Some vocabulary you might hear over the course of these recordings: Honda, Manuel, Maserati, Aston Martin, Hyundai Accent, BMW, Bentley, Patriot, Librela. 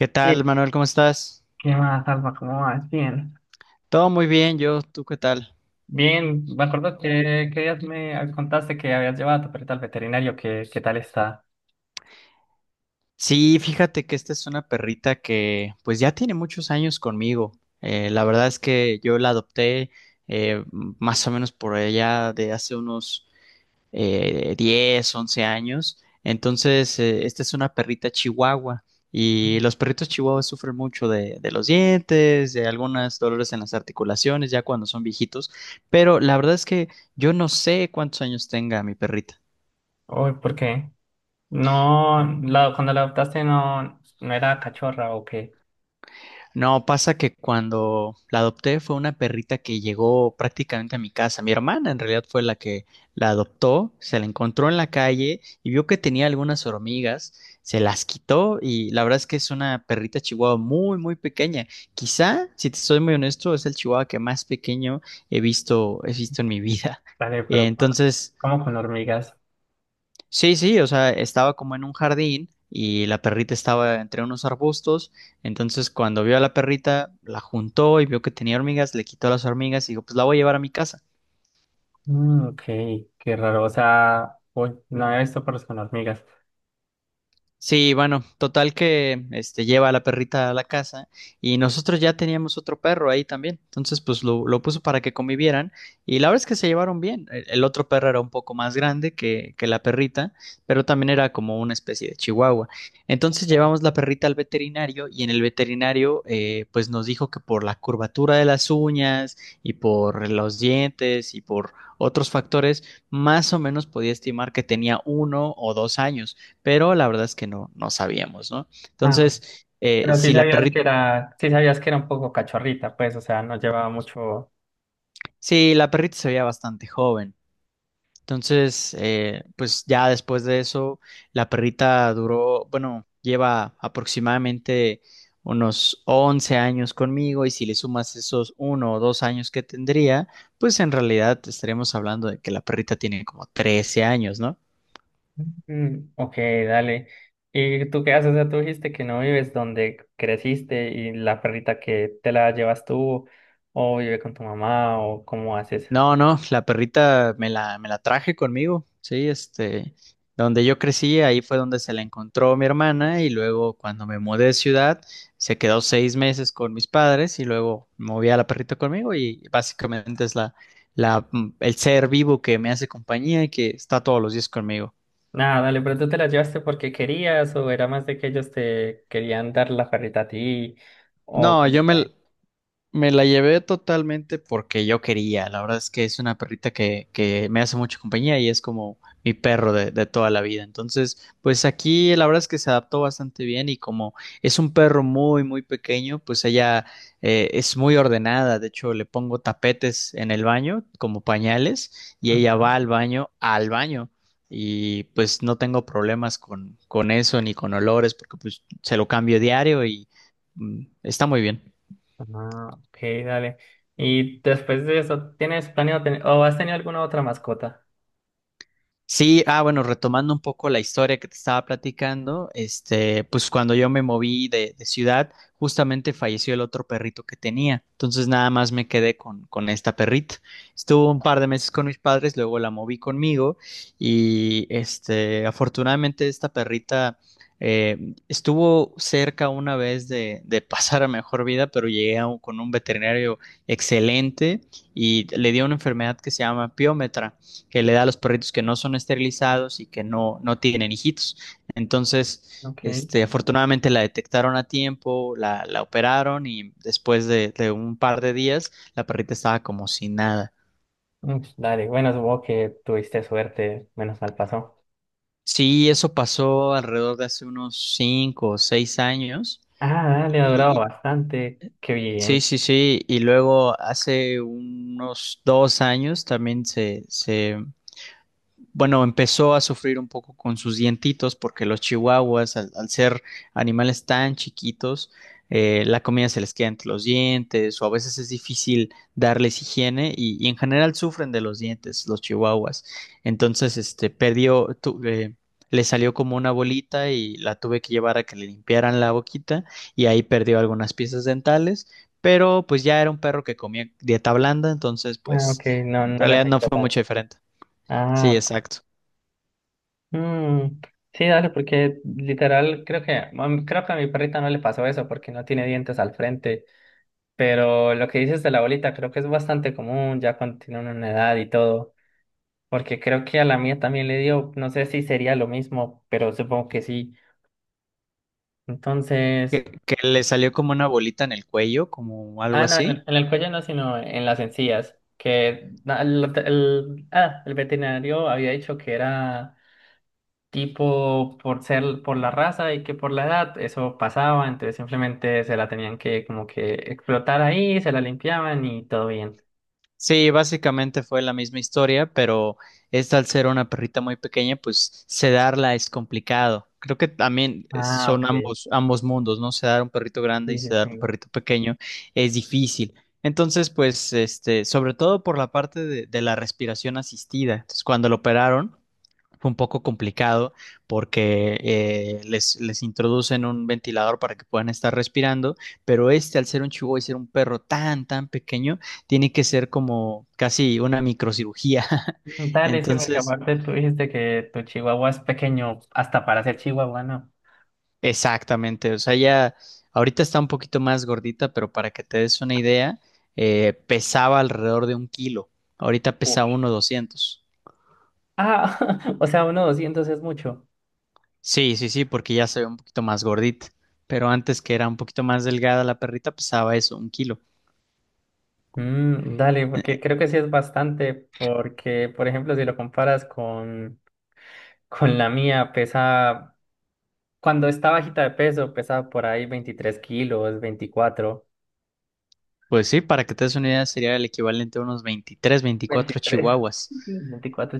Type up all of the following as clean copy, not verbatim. ¿Qué tal, Eh, Manuel? ¿Cómo estás? ¿Qué más, Alba? ¿Cómo vas? Bien. Todo muy bien, yo, ¿tú qué tal? Bien, me acuerdo que días me contaste que habías llevado a tu perrita al veterinario. ¿Qué tal está? Sí, fíjate que esta es una perrita que pues ya tiene muchos años conmigo. La verdad es que yo la adopté más o menos por allá de hace unos 10, 11 años. Entonces, esta es una perrita chihuahua y los perritos chihuahuas sufren mucho de los dientes, de algunos dolores en las articulaciones ya cuando son viejitos, pero la verdad es que yo no sé cuántos años tenga mi perrita. Uy, ¿por qué? No, la, cuando la adoptaste no, no era cachorra o qué. No, pasa que cuando la adopté fue una perrita que llegó prácticamente a mi casa. Mi hermana en realidad fue la que la adoptó, se la encontró en la calle y vio que tenía algunas hormigas, se las quitó y la verdad es que es una perrita chihuahua muy, muy pequeña. Quizá, si te soy muy honesto, es el chihuahua que más pequeño he visto en mi vida. Dale, pero con- Entonces, ¿cómo con hormigas? sí, sí, o sea, estaba como en un jardín y la perrita estaba entre unos arbustos, entonces cuando vio a la perrita, la juntó y vio que tenía hormigas, le quitó las hormigas y dijo, pues la voy a llevar a mi casa. Mm, ok, qué raro. O sea, uy, no había visto perros con hormigas. Sí, bueno, total que este lleva a la perrita a la casa y nosotros ya teníamos otro perro ahí también. Entonces, pues lo puso para que convivieran y la verdad es que se llevaron bien. El otro perro era un poco más grande que la perrita, pero también era como una especie de chihuahua. Entonces Ok. llevamos la perrita al veterinario y en el veterinario pues nos dijo que por la curvatura de las uñas y por los dientes y por otros factores, más o menos podía estimar que tenía 1 o 2 años, pero la verdad es que no sabíamos, ¿no? Ah, Entonces, pero sí si la sabías que perrita, era, sí sabías que era un poco cachorrita, pues, o sea, no llevaba mucho. sí, la perrita se veía bastante joven. Entonces, pues ya después de eso, la perrita bueno, lleva aproximadamente unos 11 años conmigo y si le sumas esos 1 o 2 años que tendría, pues en realidad estaríamos hablando de que la perrita tiene como 13 años, ¿no? Mm, ok, dale. ¿Y tú qué haces? O sea, tú dijiste que no vives donde creciste y la perrita que te la llevas tú o vive con tu mamá o cómo haces. No, no, la perrita me la traje conmigo, sí, este, donde yo crecí, ahí fue donde se la encontró mi hermana y luego cuando me mudé de ciudad, se quedó 6 meses con mis padres y luego moví a la perrita conmigo y básicamente es el ser vivo que me hace compañía y que está todos los días conmigo. Nada, dale, pero tú te la llevaste porque querías o era más de que ellos te querían dar la perrita a ti o No, yo cómo me, fue. Me la llevé totalmente porque yo quería. La verdad es que es una perrita que me hace mucha compañía y es como mi perro de toda la vida. Entonces, pues aquí la verdad es que se adaptó bastante bien y como es un perro muy, muy pequeño, pues ella es muy ordenada. De hecho, le pongo tapetes en el baño como pañales y ella Ajá. va al baño, al baño. Y pues no tengo problemas con eso ni con olores porque pues se lo cambio diario y está muy bien. Ah, ok, dale. ¿Y después de eso, tienes planeado tener o has tenido alguna otra mascota? Sí, ah, bueno, retomando un poco la historia que te estaba platicando, este, pues cuando yo me moví de ciudad, justamente falleció el otro perrito que tenía. Entonces nada más me quedé con esta perrita. Estuvo un par de meses con mis padres, luego la moví conmigo y este, afortunadamente esta perrita estuvo cerca una vez de pasar a mejor vida, pero llegué a con un veterinario excelente y le dio una enfermedad que se llama piómetra que le da a los perritos que no son esterilizados y que no tienen hijitos. Entonces, Ok. este, afortunadamente la detectaron a tiempo, la operaron y después de un par de días la perrita estaba como sin nada. Mm, dale, bueno, supongo que tuviste suerte, menos mal pasó. Sí, eso pasó alrededor de hace unos 5 o 6 años. Ah, dale, ha durado Y bastante. Qué sí, bien. sí, sí. Y luego hace unos 2 años también se bueno, empezó a sufrir un poco con sus dientitos porque los chihuahuas, al ser animales tan chiquitos, la comida se les queda entre los dientes o a veces es difícil darles higiene y en general sufren de los dientes los chihuahuas. Entonces, este, le salió como una bolita y la tuve que llevar a que le limpiaran la boquita y ahí perdió algunas piezas dentales, pero pues ya era un perro que comía dieta blanda, entonces Ah, ok, pues no, en no le realidad no afecta fue mucho tanto. diferente. Sí, Ah, ok. exacto. Mm, sí, dale, porque literal creo que a mi perrita no le pasó eso porque no tiene dientes al frente. Pero lo que dices de la bolita creo que es bastante común ya cuando tienen una edad y todo. Porque creo que a la mía también le dio, no sé si sería lo mismo, pero supongo que sí. Que, Entonces. que le salió como una bolita en el cuello, como algo Ah, no, en así. el cuello no, sino en las encías. Que na- el- ah, el veterinario había dicho que era tipo por ser por la raza y que por la edad eso pasaba, entonces simplemente se la tenían que como que explotar ahí, se la limpiaban y todo bien. Sí, básicamente fue la misma historia, pero esta al ser una perrita muy pequeña, pues sedarla es complicado. Creo que también Ah, son ok. ambos mundos, ¿no? Sedar un perrito grande Sí, y sí, sedar un sí. perrito pequeño es difícil. Entonces, pues, este, sobre todo por la parte de la respiración asistida. Entonces, cuando lo operaron, fue un poco complicado porque les introducen un ventilador para que puedan estar respirando, pero este al ser un chihuahua y ser un perro tan, tan pequeño, tiene que ser como casi una microcirugía. Dale, sí, porque Entonces, aparte tú dijiste que tu chihuahua es pequeño hasta para ser chihuahua, ¿no? exactamente, o sea, ya ahorita está un poquito más gordita, pero para que te des una idea, pesaba alrededor de un kilo, ahorita Uf. pesa uno doscientos. Ah, o sea, 1,200 es mucho. Sí, sí, sí, porque ya se ve un poquito más gordita, pero antes que era un poquito más delgada la perrita, pesaba eso, un kilo. Mm, dale, porque Eh, creo que sí es bastante, porque, por ejemplo, si lo comparas con la mía, pesa, cuando está bajita de peso, pesa por ahí 23 kilos, 24 Pues sí, para que te des una idea, sería el equivalente a unos veintitrés, veinticuatro 23 chihuahuas. 24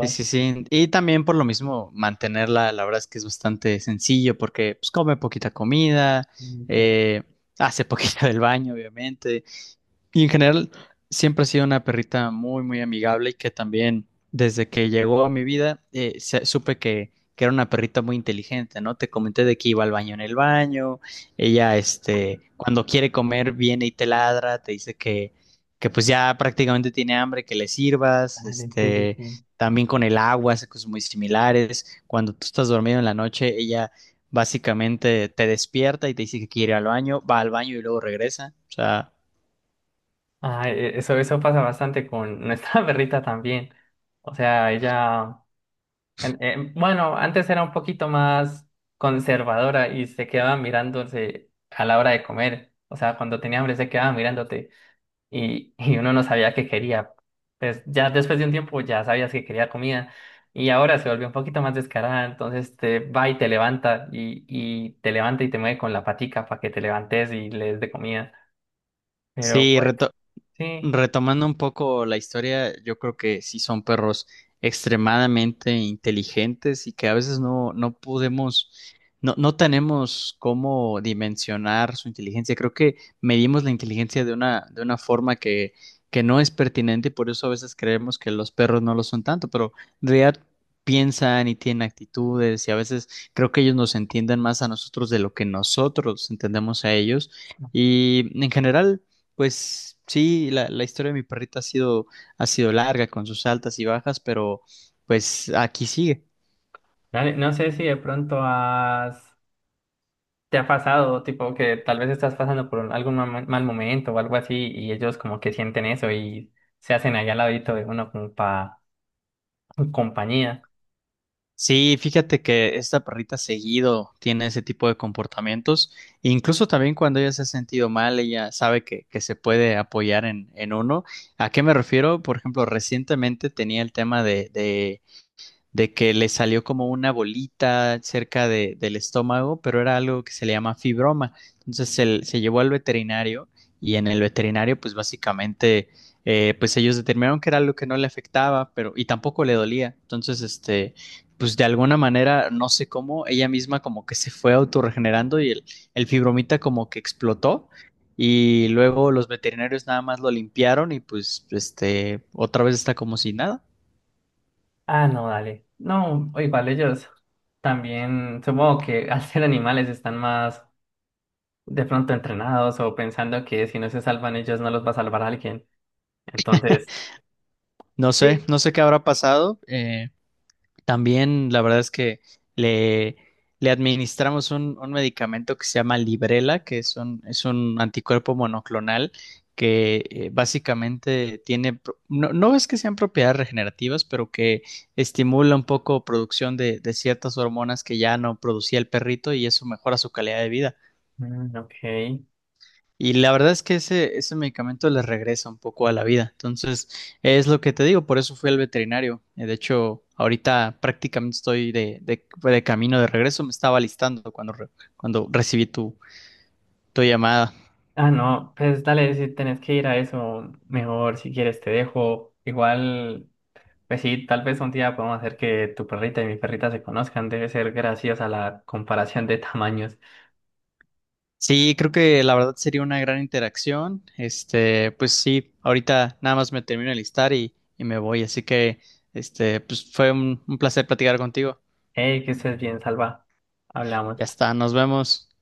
Sí, sí, sí. Y también por lo mismo, mantenerla, la verdad es que es bastante sencillo porque pues, come poquita comida, Mm, ok, eh, hace poquita del baño, obviamente. Y en general, siempre ha sido una perrita muy, muy amigable y que también desde que llegó a mi vida supe que era una perrita muy inteligente, ¿no? Te comenté de que iba al baño en el baño, ella, este, cuando quiere comer, viene y te ladra, te dice que pues ya prácticamente tiene hambre, que le sirvas, dale, sí, sí, este, sí. también con el agua, hace cosas muy similares. Cuando tú estás dormido en la noche, ella básicamente te despierta y te dice que quiere ir al baño, va al baño y luego regresa, o sea... Ah, e- eso pasa bastante con nuestra perrita también. O sea, ella... bueno, antes era un poquito más conservadora y se quedaba mirándose a la hora de comer. O sea, cuando tenía hambre se quedaba mirándote y uno no sabía qué quería. Pues ya después de un tiempo ya sabías que quería comida y ahora se volvió un poquito más descarada. Entonces te va y te levanta y te levanta y te mueve con la patica para que te levantes y le des de comida. Pero Sí, pues reto- sí, Retomando un poco la historia, yo creo que sí son perros extremadamente inteligentes y que a veces no podemos, no tenemos cómo dimensionar su inteligencia. Creo que medimos la inteligencia de una forma que no es pertinente y por eso a veces creemos que los perros no lo son tanto, pero en realidad piensan y tienen actitudes y a veces creo que ellos nos entienden más a nosotros de lo que nosotros entendemos a ellos. Y en general... Pues sí, la historia de mi perrita ha sido larga con sus altas y bajas, pero pues aquí sigue. dale, no sé si de pronto has ¿Te ha pasado, tipo, que tal vez estás pasando por un- algún ma- mal momento o algo así y ellos como que sienten eso y se hacen allá al ladito de uno como para compañía? Sí, fíjate que esta perrita seguido tiene ese tipo de comportamientos. E incluso también cuando ella se ha sentido mal, ella sabe que se puede apoyar en uno. ¿A qué me refiero? Por ejemplo, recientemente tenía el tema de, que le salió como una bolita cerca del estómago, pero era algo que se le llama fibroma. Entonces se llevó al veterinario y en el veterinario pues básicamente pues ellos determinaron que era algo que no le afectaba, pero y tampoco le dolía. Entonces este pues de alguna manera no sé cómo ella misma como que se fue autorregenerando y el fibromita como que explotó. Y luego los veterinarios nada más lo limpiaron y pues este otra vez está como si nada. Ah, no, dale. No, o igual ellos también, supongo que al ser animales están más de pronto entrenados o pensando que si no se salvan ellos no los va a salvar alguien. Entonces, No sé, sí. no sé qué habrá pasado. También la verdad es que le, le administramos un medicamento que se llama Librela, que es un anticuerpo monoclonal que básicamente tiene, no, no es que sean propiedades regenerativas, pero que estimula un poco producción de ciertas hormonas que ya no producía el perrito y eso mejora su calidad de vida. Mm, ok. Y la verdad es que ese medicamento les regresa un poco a la vida. Entonces, es lo que te digo, por eso fui al veterinario. De hecho, ahorita prácticamente estoy de camino de regreso, me estaba alistando cuando recibí tu llamada. Ah, no, pues dale, si tenés que ir a eso, mejor si quieres te dejo. Igual. Pues sí, tal vez un día podemos hacer que tu perrita y mi perrita se conozcan. Debe ser graciosa la comparación de tamaños. Sí, creo que la verdad sería una gran interacción. Este, pues sí, ahorita nada más me termino de listar y me voy. Así que, este, pues fue un placer platicar contigo. Hey, que estés bien, Salva. Hablamos. Ya está, nos vemos.